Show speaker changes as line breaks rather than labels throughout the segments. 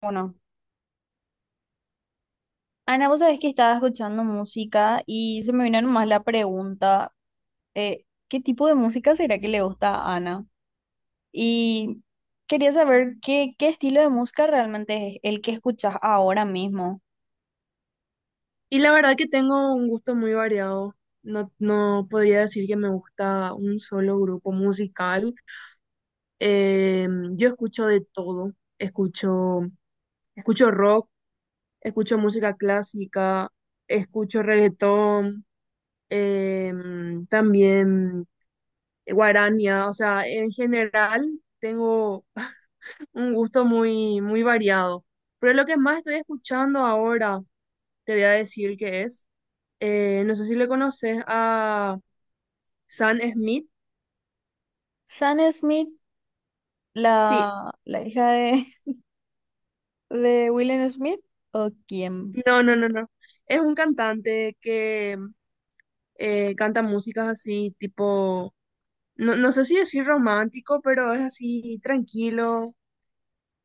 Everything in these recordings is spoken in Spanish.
Bueno, Ana, vos sabés que estaba escuchando música y se me vino nomás la pregunta, ¿qué tipo de música será que le gusta a Ana? Y quería saber qué estilo de música realmente es el que escuchas ahora mismo.
Y la verdad que tengo un gusto muy variado. No, no podría decir que me gusta un solo grupo musical. Eh, yo escucho de todo. Escucho, escucho rock, escucho música clásica, escucho reggaetón, eh, también guaraña, o sea, en general tengo un gusto muy, muy variado. Pero lo que más estoy escuchando ahora, te voy a decir que es, no sé si le conoces a Sam Smith.
San Smith,
Sí,
la hija de, ¿de Will Smith? ¿O quién?
no, no, no, no. Es un cantante que canta músicas así, tipo, no, no sé si decir romántico, pero es así tranquilo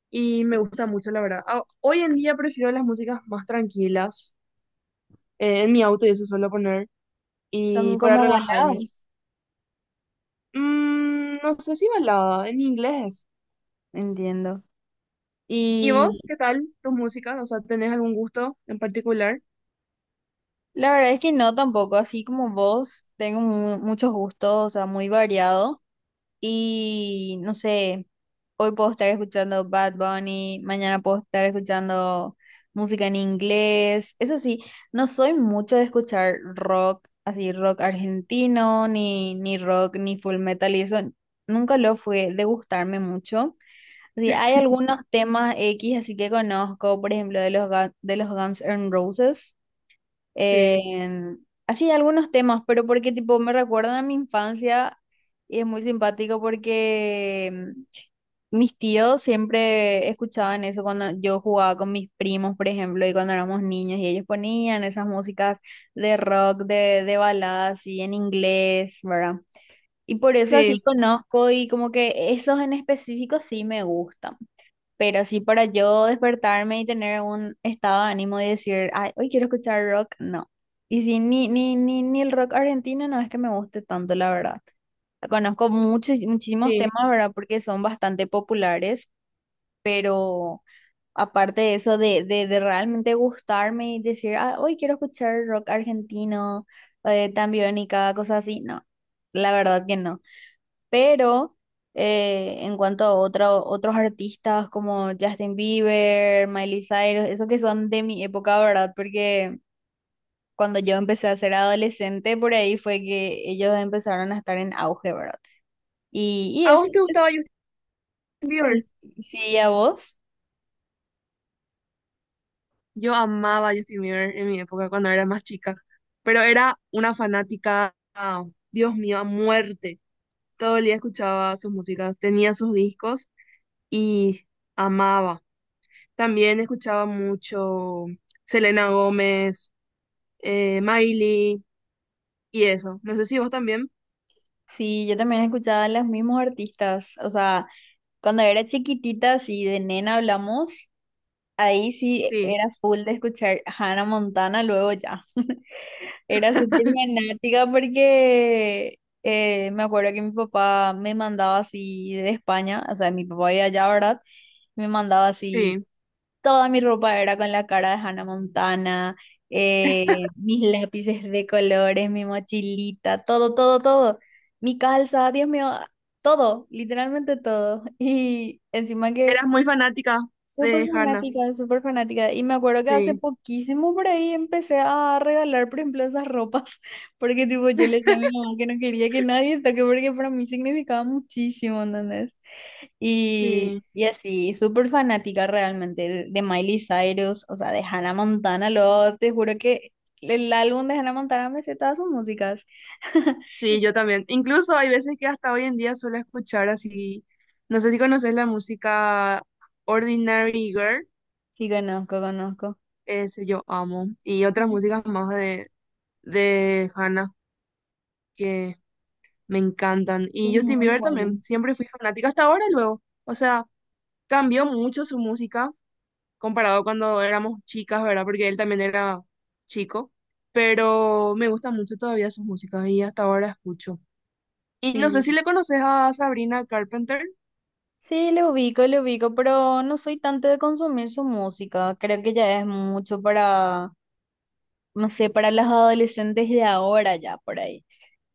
y me gusta mucho, la verdad. Ah, hoy en día prefiero las músicas más tranquilas en mi auto y eso suelo poner,
Son
y para
como
relajarme.
baladas,
Mm, no sé si balada, en inglés es.
entiendo.
¿Y
Y
vos, qué tal tus músicas? O sea, ¿tenés algún gusto en particular?
la verdad es que no tampoco, así como vos, tengo muchos gustos, o sea, muy variado. Y no sé, hoy puedo estar escuchando Bad Bunny, mañana puedo estar escuchando música en inglés. Eso sí, no soy mucho de escuchar rock, así rock argentino, ni rock, ni full metal, y eso nunca lo fue de gustarme mucho. Así, hay algunos temas X así que conozco, por ejemplo, de de los Guns N' Roses
Sí,
así algunos temas, pero porque tipo me recuerdan a mi infancia y es muy simpático porque mis tíos siempre escuchaban eso cuando yo jugaba con mis primos, por ejemplo, y cuando éramos niños y ellos ponían esas músicas de rock, de baladas y en inglés, ¿verdad? Y por eso así
sí,
conozco y como que esos en específico sí me gustan. Pero sí, para yo despertarme y tener un estado de ánimo y decir, ay, hoy quiero escuchar rock, no. Y sí, ni el rock argentino no es que me guste tanto, la verdad. Conozco muchos, muchísimos
sí.
temas, ¿verdad? Porque son bastante populares, pero aparte de eso, de realmente gustarme y decir, ah, hoy quiero escuchar rock argentino, Tambiónica, cosas así, no. La verdad que no. Pero en cuanto a otros artistas como Justin Bieber, Miley Cyrus, esos que son de mi época, ¿verdad? Porque cuando yo empecé a ser adolescente, por ahí fue que ellos empezaron a estar en auge, ¿verdad? Y
¿A
eso
vos te
sí,
gustaba Justin
sí,
Bieber?
sí, a vos.
Yo amaba a Justin Bieber en mi época cuando era más chica, pero era una fanática, ah, Dios mío, a muerte. Todo el día escuchaba sus músicas, tenía sus discos y amaba. También escuchaba mucho Selena Gómez, Miley y eso. No sé si vos también.
Sí, yo también escuchaba a los mismos artistas. O sea, cuando era chiquitita, si de nena hablamos, ahí sí
Sí,
era full de escuchar Hannah Montana luego ya. Era súper fanática porque me acuerdo que mi papá me mandaba así de España, o sea, mi papá iba allá, ¿verdad? Me mandaba así,
sí.
toda mi ropa era con la cara de Hannah Montana, eh, mis lápices de colores, mi mochilita, todo, todo, todo. Mi calza, Dios mío, todo, literalmente todo. Y encima que
Eras muy fanática
súper
de Hannah.
fanática, súper fanática. Y me acuerdo que hace
Sí,
poquísimo por ahí empecé a regalar, por ejemplo, esas ropas, porque tipo yo le decía a mi mamá que no quería que nadie toque, porque para mí significaba muchísimo, ¿entendés?
sí,
Y así, súper fanática realmente de Miley Cyrus, o sea, de Hannah Montana, lo, te juro que el álbum de Hannah Montana me sé todas sus músicas.
sí, yo también. Incluso hay veces que hasta hoy en día suelo escuchar así. No sé si conoces la música Ordinary Girl,
Sí, conozco, conozco.
ese yo amo. Y
Sí,
otras músicas más de Hannah que me encantan.
son
Y Justin
muy
Bieber también,
buenos.
siempre fui fanática hasta ahora y luego. O sea, cambió mucho su música comparado cuando éramos chicas, ¿verdad? Porque él también era chico, pero me gustan mucho todavía sus músicas y hasta ahora escucho. Y no sé
Sí,
si le conoces a Sabrina Carpenter.
sí, le ubico, pero no soy tanto de consumir su música. Creo que ya es mucho para, no sé, para las adolescentes de ahora ya por ahí.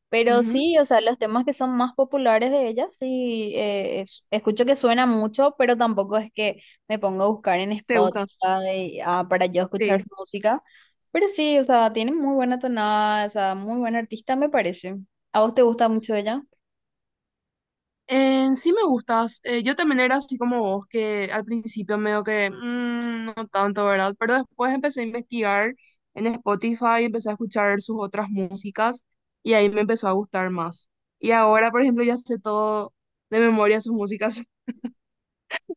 Pero
Ujú,
sí, o sea, los temas que son más populares de ella, sí, escucho que suena mucho, pero tampoco es que me pongo a buscar en
¿te gusta?
Spotify, ah, para yo escuchar
Sí.
su música. Pero sí, o sea, tiene muy buena tonada, o sea, muy buena artista me parece. ¿A vos te gusta mucho ella?
Sí me gustas. Yo también era así como vos, que al principio medio que no tanto, ¿verdad? Pero después empecé a investigar en Spotify, empecé a escuchar sus otras músicas y ahí me empezó a gustar más. Y ahora, por ejemplo, ya sé todo de memoria sus músicas.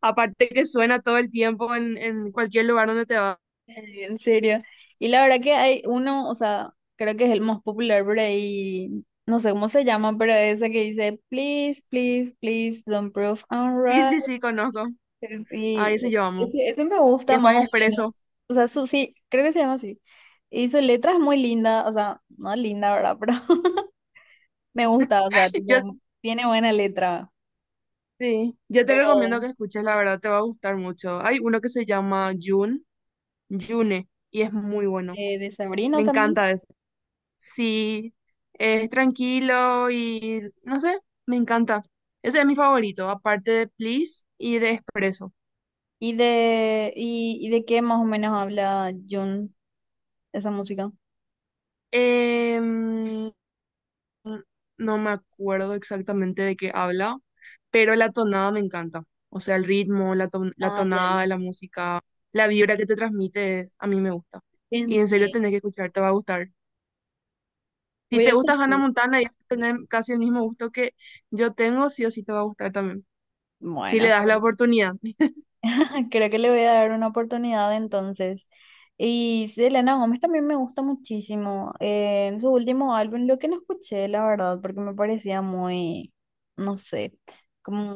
Aparte que suena todo el tiempo en cualquier lugar donde te vas.
¿En serio? Y la verdad que hay uno, o sea, creo que es el más popular por ahí, no sé cómo se llama, pero esa que dice, please, please, please, don't prove I'm
Sí,
right.
sí, sí, conozco. Ahí sí
Sí,
yo amo.
ese me
Y
gusta más
después
o menos.
Expreso.
O sea, su, sí, creo que se llama así. Y su letra es muy linda, o sea, no linda, ¿verdad? Pero me gusta, o sea,
Yo,
tipo, tiene buena letra.
sí, yo te recomiendo
Pero
que escuches, la verdad te va a gustar mucho. Hay uno que se llama Jun, June, y es muy bueno.
de
Me
Sabrina también.
encanta eso. Sí, es tranquilo y no sé, me encanta. Ese es mi favorito, aparte de Please y de Expreso.
¿Y y de qué más o menos habla Jun, esa música?
Em, no me acuerdo exactamente de qué habla, pero la tonada me encanta. O sea, el ritmo, la, la
Ah, ya,
tonada, la música, la vibra que te transmite, a mí me gusta. Y en serio
entiendo.
tenés que escuchar, te va a gustar. Si
Voy a
te gusta
escuchar.
Hannah Montana y tener casi el mismo gusto que yo tengo, sí o sí te va a gustar también. Si le
Bueno,
das la
pues,
oportunidad.
creo que le voy a dar una oportunidad entonces. Y sí, Selena Gómez también me gusta muchísimo. En su último álbum, lo que no escuché, la verdad, porque me parecía muy, no sé, como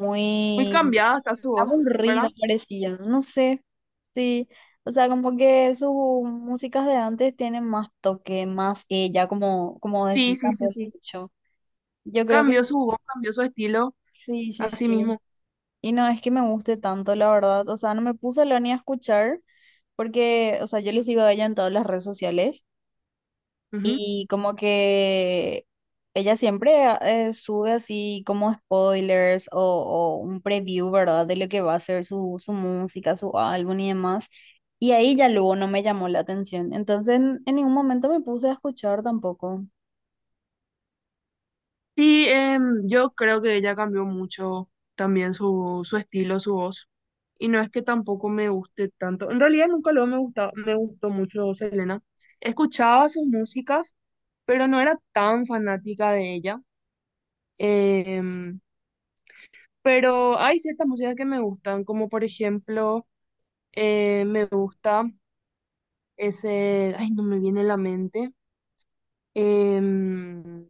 Muy
muy
cambiada está su voz, ¿verdad?
aburrido parecía, no sé. Sí, o sea, como que sus músicas de antes tienen más toque, más ella, como
Sí,
decía,
sí, sí,
cambió
sí.
mucho. Yo creo que
Cambió su voz, cambió su estilo,
sí, sí,
así
sí.
mismo.
Y no es que me guste tanto, la verdad. O sea, no me puse a hablar ni a escuchar porque, o sea, yo le sigo a ella en todas las redes sociales
Ujú.
y como que ella siempre ah, sube así como spoilers o un preview, ¿verdad? De lo que va a ser su música, su álbum y demás. Y ahí ya luego no me llamó la atención. Entonces, en ningún momento me puse a escuchar tampoco.
Sí, yo creo que ella cambió mucho también su estilo, su voz. Y no es que tampoco me guste tanto. En realidad nunca lo me gustó mucho Selena. Escuchaba sus músicas, pero no era tan fanática de ella. Em, pero hay ciertas músicas que me gustan, como por ejemplo, me gusta ese, ay, no me viene a la mente. Em,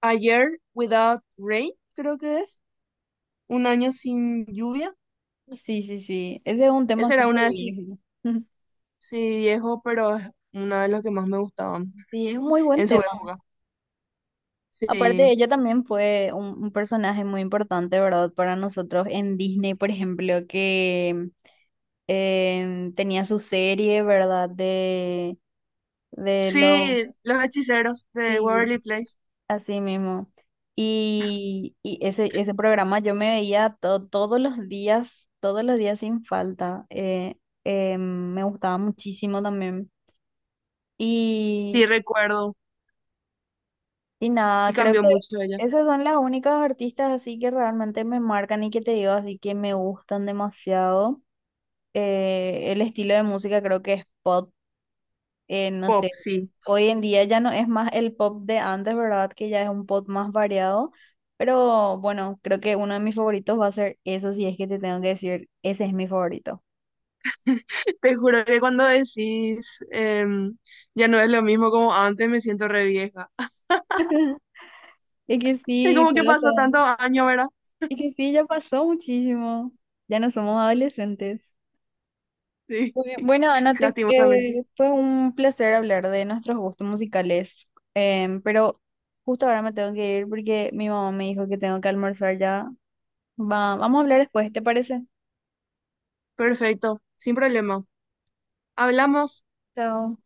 Ayer Without Rain, creo que es. Un año sin lluvia.
Sí, sí, sí. Ese es un tema
Esa era
súper
una de sus,
viejo.
sí, viejo, pero es una de las que más me gustaban
Sí, es un muy buen
en su
tema.
época.
Aparte,
Sí,
ella también fue un personaje muy importante, ¿verdad? Para nosotros en Disney, por ejemplo, que tenía su serie, ¿verdad? De
sí,
los...
Los Hechiceros de
Sí,
Waverly Place,
así mismo. Y ese, ese programa yo me veía todos los días sin falta. Me gustaba muchísimo también.
sí recuerdo
Y
y
nada, creo
cambió
que
mucho ella.
esas son las únicas artistas así que realmente me marcan y que te digo así que me gustan demasiado. El estilo de música creo que es pop, no sé,
Pop, sí.
hoy en día ya no es más el pop de antes, ¿verdad? Que ya es un pop más variado, pero bueno, creo que uno de mis favoritos va a ser eso, si es que te tengo que decir, ese es mi favorito.
Te juro que cuando decís ya no es lo mismo como antes, me siento re vieja.
Es que
Es
sí,
como que
pasa,
pasó tantos años, ¿verdad?
es que sí, ya pasó muchísimo, ya no somos adolescentes.
Sí,
Bueno, Ana,
lastimosamente.
fue un placer hablar de nuestros gustos musicales, pero justo ahora me tengo que ir porque mi mamá me dijo que tengo que almorzar ya. Vamos a hablar después, ¿te parece?
Perfecto, sin problema. Hablamos.
Chao.